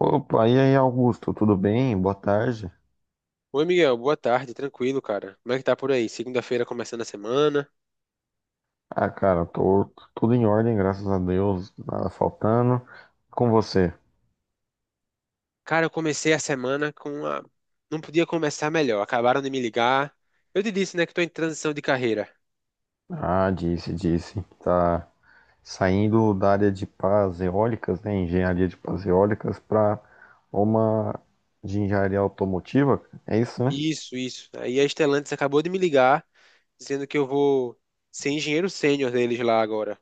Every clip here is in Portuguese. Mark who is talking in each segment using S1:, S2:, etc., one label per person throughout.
S1: Opa, e aí, Augusto, tudo bem? Boa tarde.
S2: Oi, Miguel, boa tarde, tranquilo, cara. Como é que tá por aí? Segunda-feira começando a semana.
S1: Ah, cara, tô tudo em ordem, graças a Deus, nada faltando. Com você?
S2: Cara, eu comecei a semana com a. Não podia começar melhor, acabaram de me ligar. Eu te disse, né, que tô em transição de carreira.
S1: Ah, disse, disse. Tá saindo da área de pás eólicas, né? Engenharia de pás eólicas para uma de engenharia automotiva, é isso, né?
S2: Isso, isso. Aí a Stellantis acabou de me ligar, dizendo que eu vou ser engenheiro sênior deles lá agora.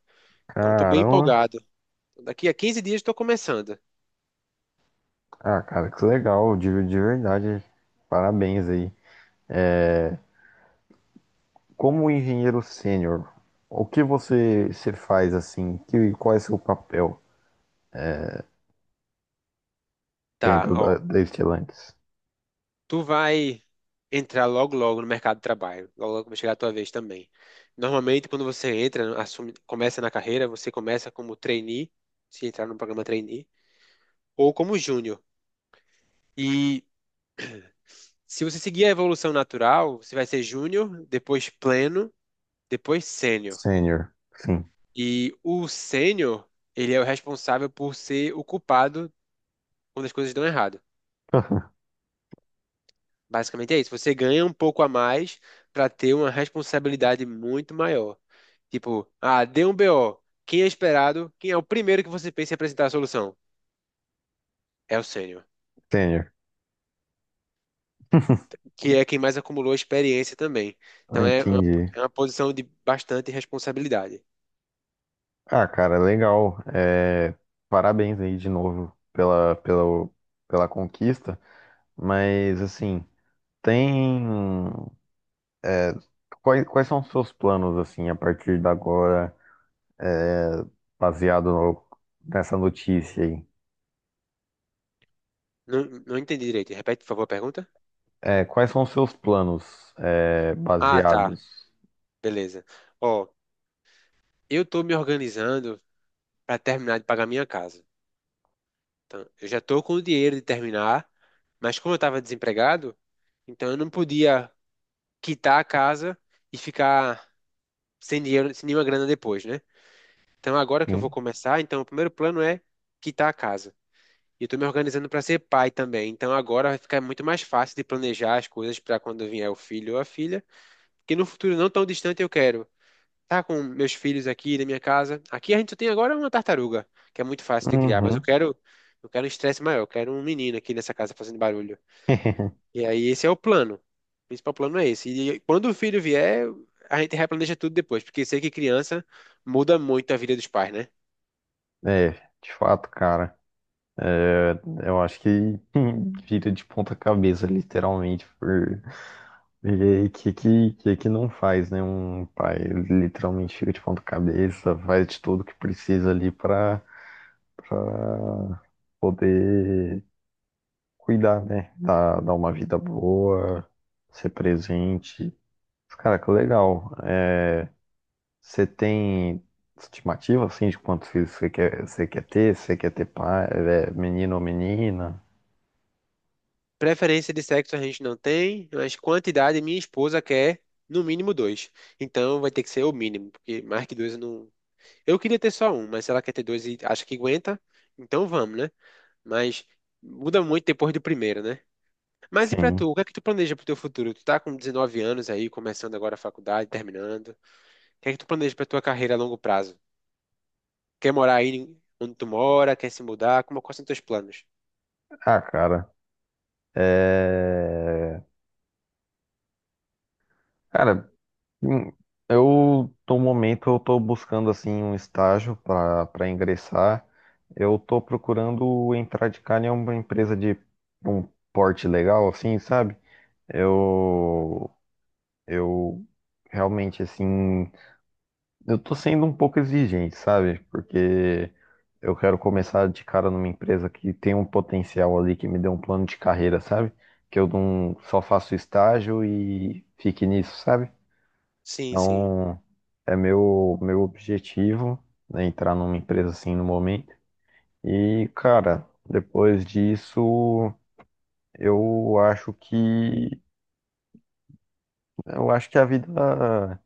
S2: Então, tô bem
S1: Caramba!
S2: empolgado. Daqui a 15 dias tô começando.
S1: Ah, cara, que legal, de verdade. Parabéns aí. Como engenheiro sênior, o que você faz assim? Qual é seu papel?
S2: Tá,
S1: Dentro da,
S2: ó.
S1: da Stellantis.
S2: Tu vai entrar logo logo no mercado de trabalho, logo logo vai chegar a tua vez também. Normalmente, quando você entra, assume, começa na carreira, você começa como trainee, se entrar no programa trainee, ou como júnior. E se você seguir a evolução natural, você vai ser júnior, depois pleno, depois sênior.
S1: Sênior, sim.
S2: E o sênior, ele é o responsável por ser o culpado quando as coisas dão errado. Basicamente é isso. Você ganha um pouco a mais para ter uma responsabilidade muito maior. Tipo, ah, deu um BO. Quem é esperado? Quem é o primeiro que você pensa em apresentar a solução? É o sênior,
S1: Sênior.
S2: que é quem mais acumulou experiência também.
S1: Ah,
S2: Então é uma,
S1: entendi.
S2: é uma posição de bastante responsabilidade.
S1: Ah, cara, legal. É, parabéns aí de novo pela conquista. Mas, assim, tem. é, quais são os seus planos, assim, a partir de agora, é, baseado nessa notícia aí?
S2: Não, não entendi direito. Repete, por favor, a pergunta?
S1: É, quais são os seus planos,
S2: Ah, tá.
S1: baseados
S2: Beleza. Ó, eu tô me organizando para terminar de pagar minha casa. Então, eu já tô com o dinheiro de terminar, mas como eu estava desempregado, então eu não podia quitar a casa e ficar sem dinheiro, sem nenhuma grana depois, né? Então, agora que eu vou
S1: em.
S2: começar, então o primeiro plano é quitar a casa. E eu estou me organizando para ser pai também. Então, agora vai ficar muito mais fácil de planejar as coisas para quando vier o filho ou a filha. Que no futuro não tão distante eu quero estar com meus filhos aqui na minha casa. Aqui a gente só tem agora uma tartaruga, que é muito fácil de criar. Mas eu
S1: Uhum.
S2: quero, eu quero um estresse maior. Eu quero um menino aqui nessa casa fazendo barulho. E aí, esse é o plano. O principal plano é esse. E quando o filho vier, a gente replaneja tudo depois. Porque sei que criança muda muito a vida dos pais, né?
S1: É, de fato, cara. Eu acho que vira de ponta cabeça, literalmente, porque que não faz, né? Um pai literalmente fica de ponta cabeça, faz de tudo que precisa ali pra pra poder cuidar, né? Dar uma vida boa, ser presente. Cara, que legal. É, você tem estimativa, assim, de quantos filhos você quer ter? Você quer ter pai, menino ou menina?
S2: Preferência de sexo a gente não tem, mas quantidade minha esposa quer no mínimo dois. Então vai ter que ser o mínimo, porque mais que dois eu não. Eu queria ter só um, mas se ela quer ter dois e acha que aguenta, então vamos, né? Mas muda muito depois do primeiro, né? Mas e pra
S1: Sim.
S2: tu, o que é que tu planeja pro teu futuro? Tu tá com 19 anos aí, começando agora a faculdade, terminando. O que é que tu planeja pra tua carreira a longo prazo? Quer morar aí onde tu mora? Quer se mudar? Como, quais são teus planos?
S1: Ah, cara. É, Cara, hum, eu no momento eu tô buscando assim um estágio para ingressar. Eu tô procurando entrar de cara em uma empresa de um porte legal assim, sabe? Eu eu realmente assim. Eu tô sendo um pouco exigente, sabe? Porque eu quero começar de cara numa empresa que tem um potencial ali, que me dê um plano de carreira, sabe? Que eu não só faço estágio e fique nisso, sabe?
S2: Sim, sim.
S1: Então, é meu objetivo, né, entrar numa empresa assim no momento. E, cara, depois disso, eu acho que eu acho que a vida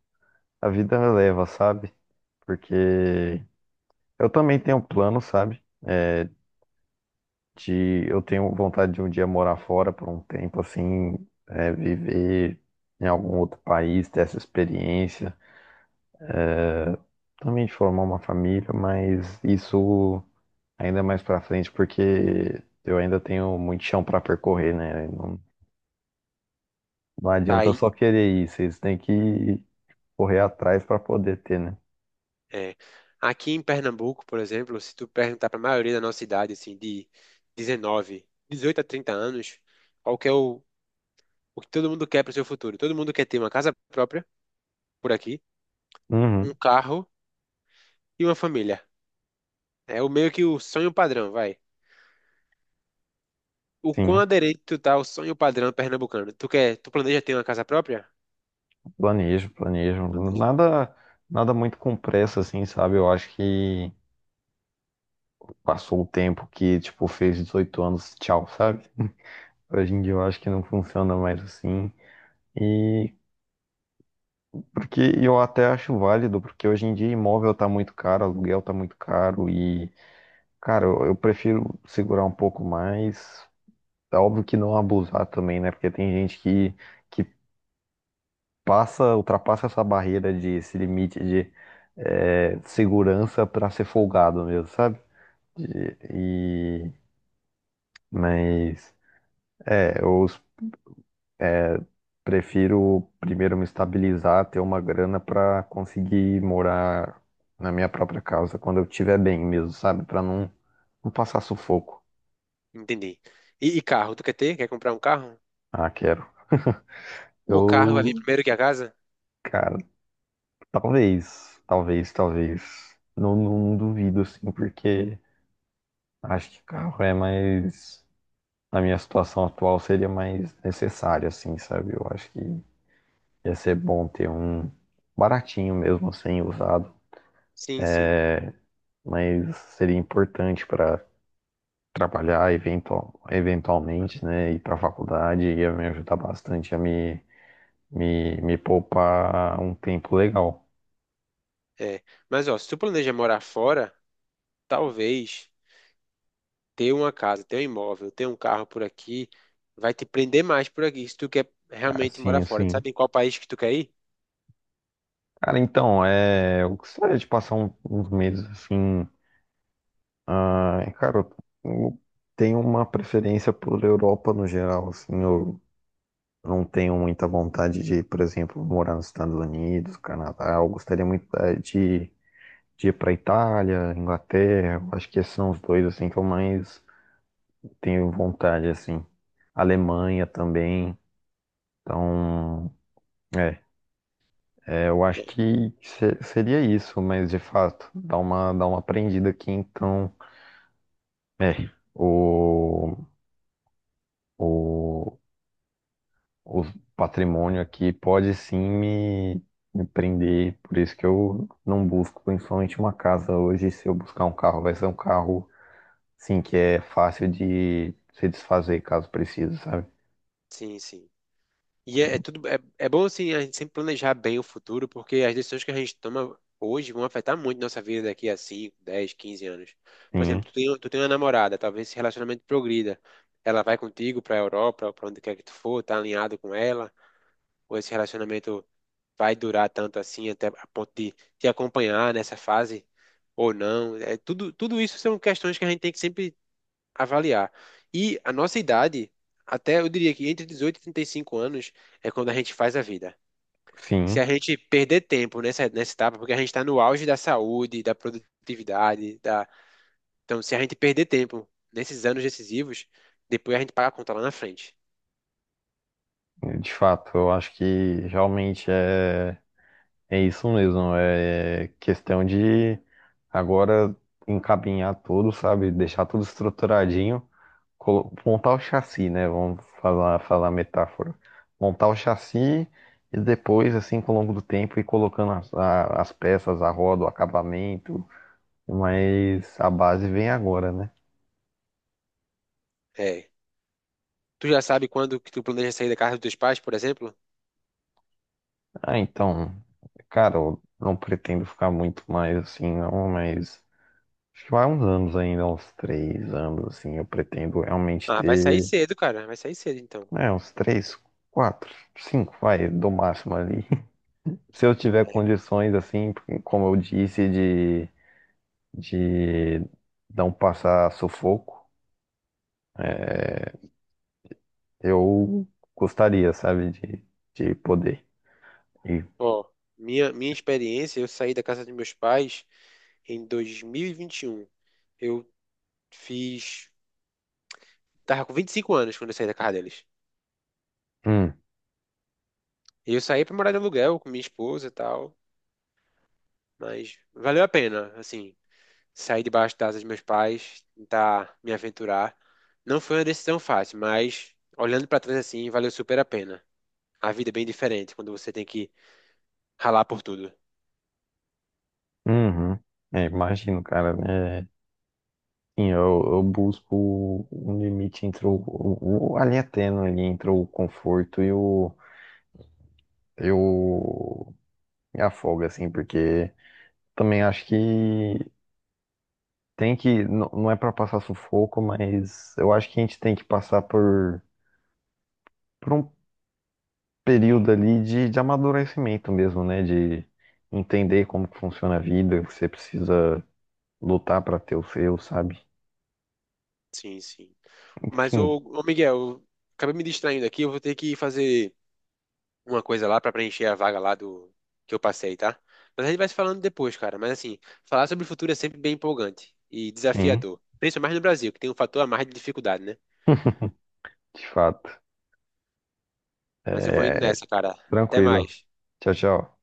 S1: a vida leva, sabe? Porque eu também tenho plano, sabe? É, de eu tenho vontade de um dia morar fora por um tempo, assim, viver em algum outro país, ter essa experiência, também de formar uma família, mas isso ainda mais pra frente, porque eu ainda tenho muito chão pra percorrer, né? Não, não
S2: Tá
S1: adianta eu
S2: aí.
S1: só querer ir, vocês têm que correr atrás pra poder ter, né?
S2: É. Aqui em Pernambuco, por exemplo, se tu perguntar para a maioria da nossa idade, assim, de 19, 18 a 30 anos, qual que é o que todo mundo quer para o seu futuro? Todo mundo quer ter uma casa própria por aqui, um
S1: Uhum,
S2: carro e uma família. É o meio que o sonho padrão, vai. O quão
S1: sim,
S2: aderente tu tá ao sonho padrão pernambucano? Tu quer, tu planeja ter uma casa própria?
S1: planejo, planejo.
S2: Planejo.
S1: Nada, nada muito com pressa, assim, sabe? Eu acho que passou o tempo que, tipo, fez 18 anos, tchau, sabe? Hoje em dia eu acho que não funciona mais assim. E porque eu até acho válido, porque hoje em dia imóvel tá muito caro, aluguel tá muito caro e, cara, eu prefiro segurar um pouco mais. É óbvio que não abusar também, né? Porque tem gente que ultrapassa essa barreira de esse limite de segurança pra ser folgado mesmo, sabe? E, e- mas eu prefiro primeiro me estabilizar, ter uma grana para conseguir morar na minha própria casa quando eu estiver bem mesmo, sabe? Para não, não passar sufoco.
S2: Entendi. E carro, tu quer ter? Quer comprar um carro?
S1: Ah, quero.
S2: O carro vai vir
S1: Eu,
S2: primeiro que a casa?
S1: cara, talvez, talvez, talvez. Não, não duvido, assim, porque acho que carro é mais. Na minha situação atual seria mais necessário, assim, sabe? Eu acho que ia ser bom ter um baratinho mesmo, sem usado,
S2: Sim, sim.
S1: mas seria importante para trabalhar eventualmente, né, ir para a faculdade ia me ajudar bastante a me poupar um tempo legal.
S2: É. Mas ó, se tu planeja morar fora, talvez ter uma casa, ter um imóvel, ter um carro por aqui, vai te prender mais por aqui, se tu quer realmente
S1: Assim,
S2: morar fora. Tu
S1: assim.
S2: sabe em qual país que tu quer ir?
S1: Cara, então, eu gostaria de passar uns meses assim. Ah, cara, eu tenho uma preferência por Europa no geral, assim, eu não tenho muita vontade de, por exemplo, morar nos Estados Unidos, Canadá. Eu gostaria muito de ir para Itália, Inglaterra. Eu acho que esses são os dois assim que eu mais tenho vontade, assim. Alemanha também. Então, é, eu acho
S2: É.
S1: que seria isso, mas de fato, dá uma aprendida aqui. Então, é, o, o, o patrimônio aqui pode sim me prender. Por isso que eu não busco principalmente uma casa hoje. Se eu buscar um carro, vai ser um carro, sim, que é fácil de se desfazer caso precise, sabe?
S2: Sim, sim. E é tudo é bom assim a gente sempre planejar bem o futuro, porque as decisões que a gente toma hoje vão afetar muito nossa vida daqui a 5, 10, 15 anos. Por
S1: Sim,
S2: exemplo, tu tem uma namorada, talvez esse relacionamento progrida. Ela vai contigo para a Europa, para onde quer que tu for, tá alinhado com ela, ou esse relacionamento vai durar tanto assim até a ponto de te acompanhar nessa fase ou não. É, tudo isso são questões que a gente tem que sempre avaliar. E a nossa idade, até eu diria que entre 18 e 35 anos é quando a gente faz a vida. Se
S1: sim.
S2: a gente perder tempo nessa etapa, porque a gente está no auge da saúde, da produtividade, da... Então, se a gente perder tempo nesses anos decisivos, depois a gente paga a conta lá na frente.
S1: De fato, eu acho que realmente é isso mesmo. É questão de agora encaminhar tudo, sabe? Deixar tudo estruturadinho, montar o chassi, né? Vamos falar a metáfora. Montar o chassi e depois, assim, com o longo do tempo, ir colocando as peças, a roda, o acabamento. Mas a base vem agora, né?
S2: É. Tu já sabe quando que tu planeja sair da casa dos teus pais, por exemplo?
S1: Ah, então, cara, eu não pretendo ficar muito mais assim, não. Acho que vai uns anos ainda, uns 3 anos, assim. Eu pretendo realmente
S2: Ah, vai sair
S1: ter,
S2: cedo, cara. Vai sair cedo, então.
S1: né, uns 3, 4, 5, vai, do máximo ali. Se eu tiver
S2: É.
S1: condições, assim, porque, como eu disse, de não passar sufoco, eu gostaria, sabe, de poder. E,
S2: Ó, minha experiência, eu saí da casa dos meus pais em dois mil e vinte e um. Eu fiz. Tava com 25 anos quando eu saí da casa deles.
S1: hum,
S2: Eu saí pra morar de aluguel com minha esposa e tal, mas valeu a pena, assim, sair debaixo da asa dos meus pais, tentar me aventurar. Não foi uma decisão fácil, mas olhando pra trás assim, valeu super a pena. A vida é bem diferente quando você tem que ralar por tudo.
S1: uhum. É, imagino, cara, né? Sim, eu busco um limite entre a linha tênue ali entre o conforto e o. Eu me afoga, assim, porque também acho que tem que, não é pra passar sufoco, mas eu acho que a gente tem que passar por um período ali de amadurecimento mesmo, né? De entender como que funciona a vida, que você precisa lutar pra ter o seu, sabe?
S2: Sim, sim. Mas o,
S1: Enfim,
S2: ô ô, Miguel, eu acabei me distraindo aqui, eu vou ter que fazer uma coisa lá pra preencher a vaga lá do que eu passei, tá? Mas a gente vai se falando depois, cara. Mas assim, falar sobre o futuro é sempre bem empolgante e
S1: sim,
S2: desafiador, principalmente no Brasil, que tem um fator a mais de dificuldade, né?
S1: de fato.
S2: Mas eu vou indo
S1: É,
S2: nessa, cara. Até
S1: tranquilo.
S2: mais.
S1: Tchau, tchau.